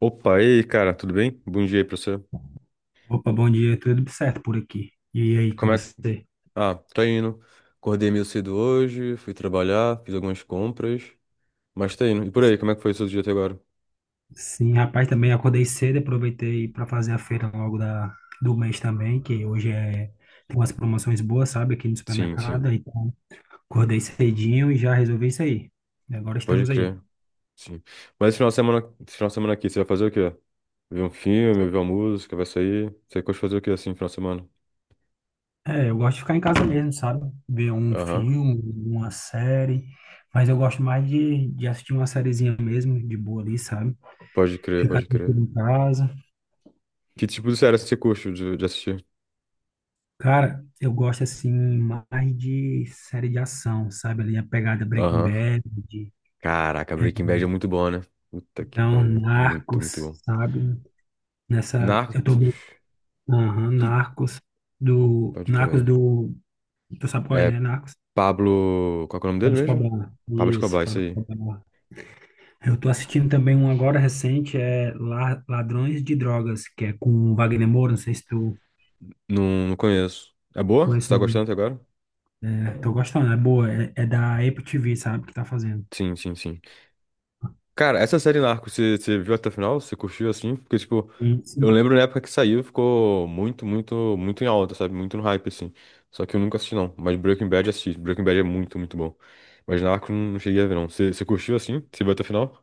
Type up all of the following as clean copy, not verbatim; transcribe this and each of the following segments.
Opa, e aí, cara, tudo bem? Bom dia aí pra você. Opa, bom dia, tudo certo por aqui. E aí, com Como é que. você? Ah, tá indo. Acordei meio cedo hoje, fui trabalhar, fiz algumas compras, mas tá indo. E por aí, como é que foi o seu dia até agora? Sim, rapaz, também acordei cedo, aproveitei para fazer a feira logo do mês também, que hoje tem umas promoções boas, sabe, aqui no Sim, sim, supermercado. Então, acordei cedinho e já resolvi isso aí. E agora pode estamos aí. crer, sim. Mas esse final de semana, esse final de semana aqui, você vai fazer o quê? Ver um filme, ouvir uma música, vai sair? Você curte fazer o quê assim, final de semana? É, eu gosto de ficar em casa mesmo, sabe? Ver um Aham. filme, uma série, mas eu gosto mais de assistir uma sériezinha mesmo, de boa ali, sabe? Pode crer, Ficar pode tranquilo crer. em casa. Que tipo de série você curte de assistir? Cara, eu gosto assim mais de série de ação, sabe? Ali a pegada Breaking Aham. Bad, Caraca, Breaking Bad é muito bom, né? Puta que então pariu, muito, Narcos, muito bom. sabe? Nessa, eu tô, Narcos? aham, Tu- Pode Narcos crer. do, tu sabe qual É é, né? Narcos, Pablo. Qual que é o nome Pablo dele mesmo? Escobar. Pablo Isso, Escobar, isso Pablo aí. Escobar. Eu tô assistindo também um agora recente, é Ladrões de Drogas, que é com o Wagner Moura, não sei se tu Não, não conheço. É boa? Você conhece tá o nome. gostando até agora? É, tô gostando, é boa, é da Apple TV, sabe? Que tá fazendo. Sim, sim, sim. Cara, essa série Narcos, você viu até o final? Você curtiu assim? Porque, tipo, eu Sim, lembro na época que saiu, ficou muito, muito, muito em alta, sabe? Muito no hype, assim. Só que eu nunca assisti, não. Mas Breaking Bad assisti. Breaking Bad é muito, muito bom. Mas Narcos não cheguei a ver, não. Você curtiu assim? Você viu até o final?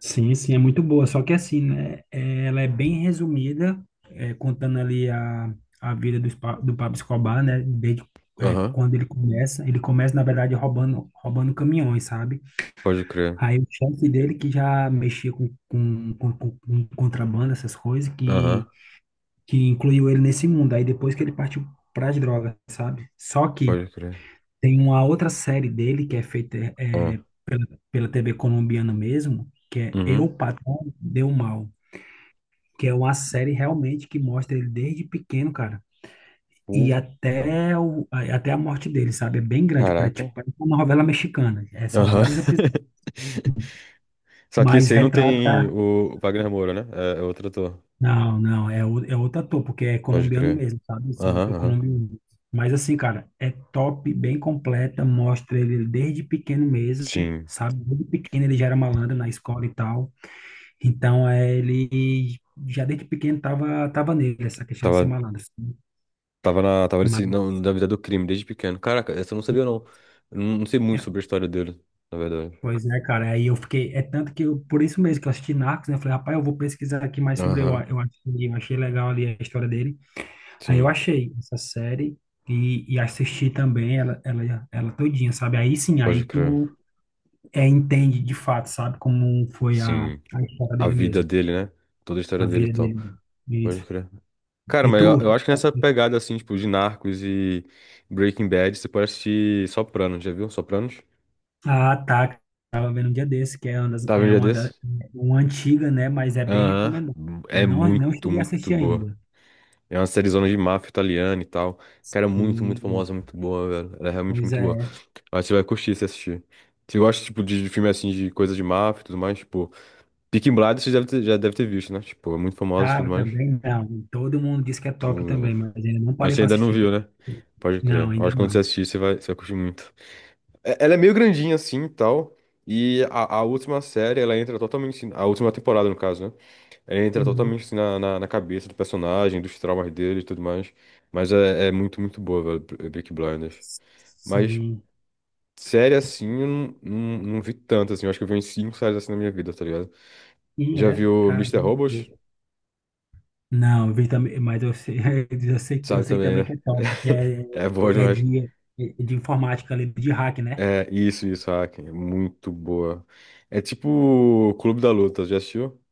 sim, sim, é muito boa. Só que assim, né? Ela é bem resumida, contando ali a vida do Pablo Escobar, né? Desde Aham. quando ele começa. Ele começa, na verdade, roubando, roubando caminhões, sabe? Pode crer. Aí o chefe dele, que já mexia com contrabando, essas coisas, Aham. que incluiu ele nesse mundo. Aí depois que ele partiu para as drogas, sabe? Só que Pode crer. tem uma outra série dele que é feita Ah. Pela TV colombiana mesmo, que é Uhum. Eu, Patrão, Deu Mal, que é uma série realmente que mostra ele desde pequeno, cara, e Puta. até, até a morte dele, sabe? É bem grande, parece, tipo, Caraca. parece uma novela mexicana. É, são Aham. vários episódios, Só que mas esse aí não tem retrata. o Wagner Moura, né? É, é outro ator. Não, não, é outro ator, porque é Pode colombiano crer. mesmo, sabe? São Aham, ator aham. colombiano. Mas assim, cara, é top, bem completa, mostra ele desde pequeno mesmo, Sim. sabe? Desde pequeno ele já era malandro na escola e tal. Então, ele já desde pequeno tava, nele essa questão de Tava, ser malandro, sabe? tava na, tava Mas nesse, não, na vida do crime desde pequeno. Caraca, essa eu não sabia, não. Eu não, não sei muito é. sobre a história dele, na verdade. Pois é, cara, aí eu fiquei, é tanto que eu, por isso mesmo que eu assisti Narcos, né, eu falei, rapaz, eu vou pesquisar aqui mais sobre, Aham. Eu achei legal ali a história dele. Aí eu Sim. achei essa série e assisti também ela todinha, sabe, aí sim, Pode aí crer. tu entende de fato, sabe, como foi a, Sim. a história A dele vida mesmo, dele, né? Toda a história a dele e vida tal. dele, Pode isso. crer. Cara, E mas tu, eu acho que nessa pegada, assim, tipo, de Narcos e Breaking Bad, você pode assistir Sopranos, já viu? Sopranos? ah, tá, tava vendo um dia desse, que é uma, das- Tava um é dia uma, da, desse? uma antiga, né, mas é bem Aham, recomendado. é Não, não muito, cheguei a muito assistir boa. ainda. É uma sériezona de máfia italiana e tal. Cara, muito, muito famosa, muito boa, velho. Ela é realmente Pois muito boa. é, Eu acho que você vai curtir se assistir. Você gosta, tipo, de filme assim, de coisa de máfia e tudo mais, tipo. Peaky Blinders você já deve ter visto, né? Tipo, é muito famosa e tá, tudo mais. também não. Todo mundo diz que é top Tipo, também, mas ainda não mas parei você para ainda não assistir. viu, né? Pode Não, crer. Eu ainda acho que quando você não. assistir, você vai curtir muito. Ela é meio grandinha assim e tal. E a última série, ela entra totalmente assim, a última temporada, no caso, né? Ele entra Uhum. totalmente assim, na cabeça do personagem, dos traumas dele e tudo mais. Mas é, é muito, muito boa, velho, Peaky Blinders. Mas Sim. série assim, eu não vi tanto, assim. Eu acho que eu vi uns cinco séries assim na minha vida, tá ligado? E Já é, viu cara. Mister Robot? Não, eu vi também, mas eu sei, eu Sabe sei também, também que né? é top, que É boa é demais. de, é de informática ali, de hack, né? É, isso, Hack. É muito boa. É tipo Clube da Luta, já assistiu?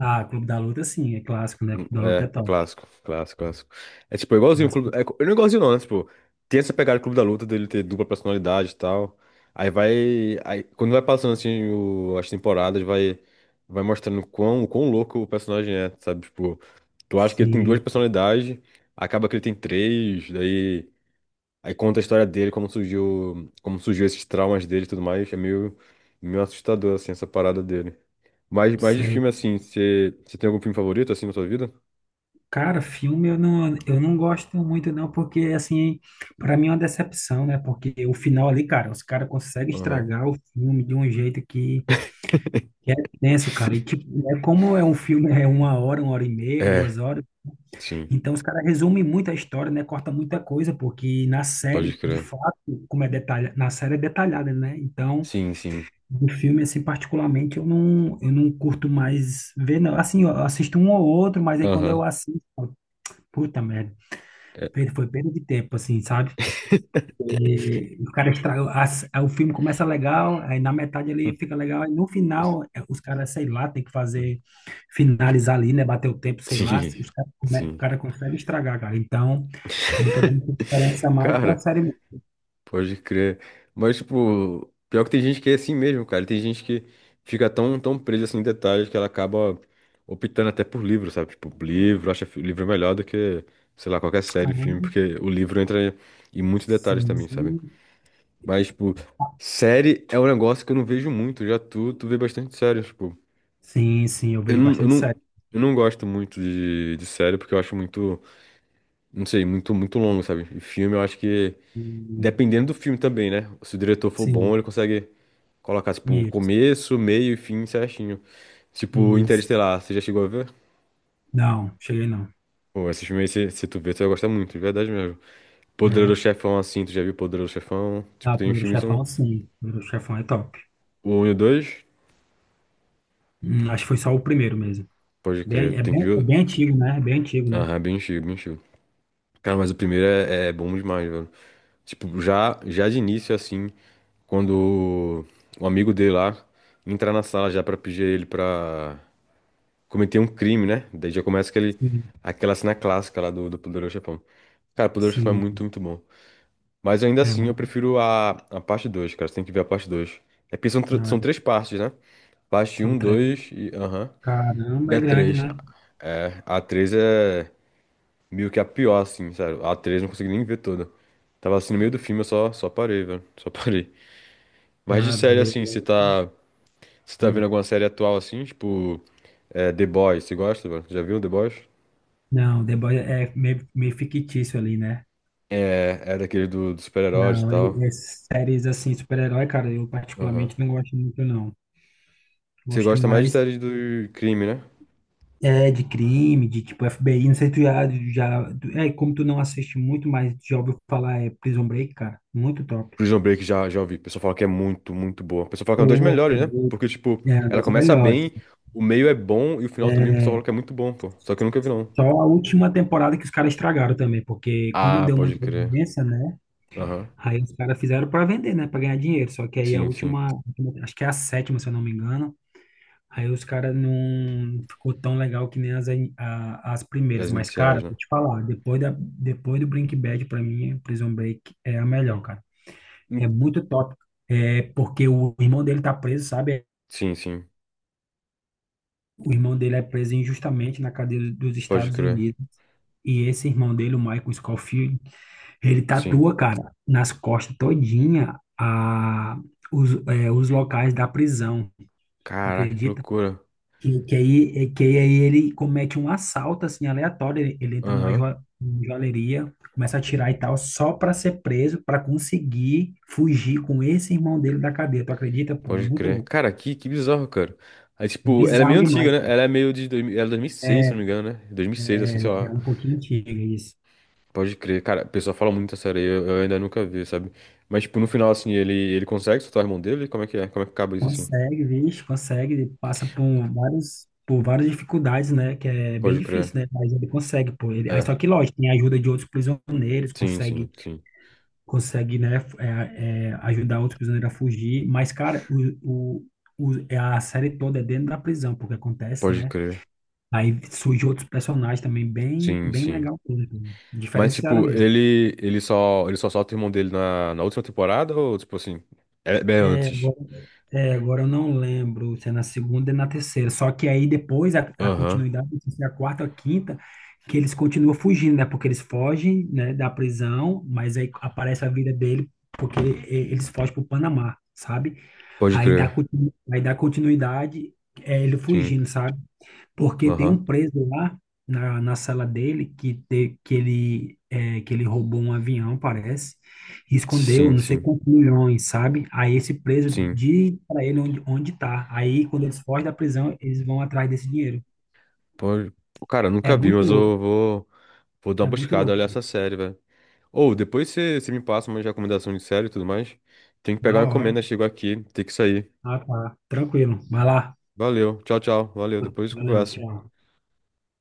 Ah, Clube da Luta, sim, é clássico, né? Clube da Luta é É, é top. clássico, clássico, clássico. É tipo, é igualzinho o Clube. Clássico. É, não é igualzinho, não, né? Tipo, tem essa pegada do Clube da Luta dele ter dupla personalidade e tal. Aí vai. Aí, quando vai passando assim as temporadas, vai, vai mostrando quão, quão louco o personagem é, sabe? Tipo, tu acha que ele tem duas Sim, personalidades, acaba que ele tem três, daí. Aí conta a história dele, como surgiu esses traumas dele e tudo mais. É meio, meio assustador, assim, essa parada dele. Mas de sei. filme, assim, você tem algum filme favorito, assim, na sua vida? Cara, filme eu não, gosto muito não, porque assim, para mim é uma decepção, né? Porque o final ali, cara, os caras conseguem Aham. estragar o filme de um jeito que é tenso, cara. E tipo, né, como é um filme, é 1 hora, 1 hora e meia, duas É, horas, sim, então os caras resumem muito a história, né? Corta muita coisa, porque na pode série, de crer. fato, como é detalhada, na série é detalhada, né? Então, Sim, sim. o filme, assim, particularmente, eu não curto mais ver, não. Assim, eu assisto um ou outro, mas aí quando eu Aham. assisto, eu falo, puta merda. É. Foi perda de tempo, assim, sabe? E o cara estraga. O filme começa legal, aí na metade ele fica legal, aí no final, os caras, sei lá, tem que fazer, finalizar ali, né? Bater o tempo, sei lá. Sim, Se Os cara, o sim. cara consegue estragar, cara. Então, eu tô dando preferência mais pra Cara, série mesmo. pode crer. Mas, tipo, pior que tem gente que é assim mesmo, cara. Tem gente que fica tão, tão presa assim em detalhes que ela acaba optando até por livro, sabe? Tipo, livro, livro é melhor do que, sei lá, qualquer Ah, série, filme, porque o livro entra em muitos detalhes sim, também, sabe? Mas, tipo, série é um negócio que eu não vejo muito. Já tu, tu vê bastante série, tipo. sim, sim, eu Eu vejo não, eu bastante não, série. eu não gosto muito de série porque eu acho muito, não sei, muito, muito longo, sabe? E filme eu acho que, E- dependendo do filme também, né? Se o diretor for bom, Sim, ele consegue colocar, tipo, isso, começo, meio e fim certinho. Tipo, isso. Interestelar, você já chegou a ver? Não, cheguei não. Pô, esse filme aí, se tu ver, tu vai gostar muito, de verdade mesmo. Poderoso É. Chefão, assim, tu já viu Poderoso Chefão? Tipo, Ah, tem uns Poderoso filmes que são Chefão, sim. Poderoso Chefão é top. o um e o 2? Acho que foi só o primeiro mesmo. Pode crer, Bem, tem que é ver. bem, antigo, né? É bem antigo, né? Aham, bem cheio, bem cheio. Cara, mas o primeiro é, é bom demais, velho. Tipo, já de início, assim, quando o amigo dele lá entrar na sala já pra pedir ele pra cometer um crime, né? Daí já começa aquele, Sim, aquela cena clássica lá do, do Poderoso Chefão. Cara, o Poderoso Chefão é muito, sim. muito bom. Mas ainda É assim, eu muito. prefiro a parte 2, cara. Você tem que ver a parte 2. É porque são, Não, são três partes, né? Parte São um, três. 2 e... Aham. E Caramba, é a grande, 3. né? É, a 3 é meio que a pior, assim, sério. A 3 eu não consegui nem ver toda. Tava assim no meio do filme, eu só parei, velho. Só parei. Mas de Tá série, doido. É assim, você grande. tá. Você tá vendo Hum. alguma série atual, assim, tipo. É, The Boys, você gosta, velho? Já viu The Boys? Não, The Boys é meio, meio fictício ali, né? É, é daquele do, dos super-heróis e Não, tal. e séries assim, super-herói, cara, eu Aham. particularmente não gosto muito, não. Você Gosto gosta mais de mais série do crime, né? De crime, de tipo FBI, não sei tu já. É, como tu não assiste muito, mas já ouviu falar, é Prison Break, cara. Muito top. Prison Break já ouvi. O pessoal fala que é muito, muito boa. O pessoal fala que é uma Tu das melhores, né? Porque, tipo, é ela das começa melhores. bem, o meio é bom e o final também o pessoal É, fala que é muito bom, pô. Só que eu nunca vi, não. só a última temporada que os caras estragaram também, porque como Ah, deu pode muita crer. audiência, né? Aham. Aí os caras fizeram pra vender, né? Pra ganhar dinheiro. Só que aí a Sim, sim. última, acho que é a sétima, se eu não me engano. Aí os caras não ficou tão legal que nem as primeiras. As Mas, iniciais, cara, né? vou te falar, depois do Breaking Bad, pra mim, Prison Break é a melhor, cara. É Hum, muito top. É porque o irmão dele tá preso, sabe? sim, sim. O irmão dele é preso injustamente na cadeia dos Pode Estados crer. Unidos. E esse irmão dele, o Michael Scofield, ele Sim. tatua, cara, nas costas todinha os locais da prisão, tu Caraca, que acredita? loucura. Que aí ele comete um assalto, assim, aleatório, ele entra numa Aham. Joalheria, começa a atirar e tal, só para ser preso, para conseguir fugir com esse irmão dele da cadeia, tu acredita? Pô, é Pode muito crer. louco, Cara, que bizarro, cara. Aí, é tipo, ela é bizarro meio demais, antiga, né? Ela é meio de... Ela é 2006, se não me é, engano, né? 2006, assim, sei é lá. um pouquinho antigo isso. Pode crer. Cara, o pessoal fala muito essa série. Eu ainda nunca vi, sabe? Mas, tipo, no final, assim, ele consegue soltar o irmão dele? Como é que é? Como é que acaba isso, assim? Consegue, vixe, consegue, ele passa por por várias dificuldades, né? Que é bem Pode crer. difícil, né? Mas ele consegue, pô. Ele, aí É. só que, lógico, tem a ajuda de outros prisioneiros, Sim, consegue, sim, sim. consegue, né? Ajudar outros prisioneiros a fugir. Mas, cara, o, é a série toda é dentro da prisão, porque acontece, Pode né? crer. Aí surgem outros personagens também bem, Sim, bem sim. legal, mesmo, Mas, diferenciada tipo, mesmo. ele só solta o irmão dele na, na última temporada ou, tipo assim, é, é É, antes? Agora eu não lembro se é na segunda e na terceira. Só que aí depois a Aham, continuidade, não sei se é a quarta ou a quinta, que eles continuam fugindo, né? Porque eles fogem, né, da prisão, mas aí aparece a vida dele, porque eles fogem para o Panamá, sabe? pode Aí dá, crer. continu- aí dá continuidade, ele Sim, fugindo, sabe? Porque tem um aham. preso lá na sala dele que, te, que, ele, é, que ele roubou um avião, parece, e escondeu Sim, não sei sim, quantos milhões, sabe? Aí esse preso sim. diz para ele onde tá. Aí quando eles fogem da prisão, eles vão atrás desse dinheiro. Pode... Pô, cara, eu É nunca vi, muito mas louco, eu vou, vou dar uma é muito buscada, olhar louco. essa série, velho. Ou, depois você me passa uma recomendação de série e tudo mais. Tem que pegar Na uma hora. encomenda, chegou aqui, tem que sair. Ah, tá. Tranquilo. Vai lá. Valeu, tchau, tchau. Valeu, depois Valeu, conversa. tchau.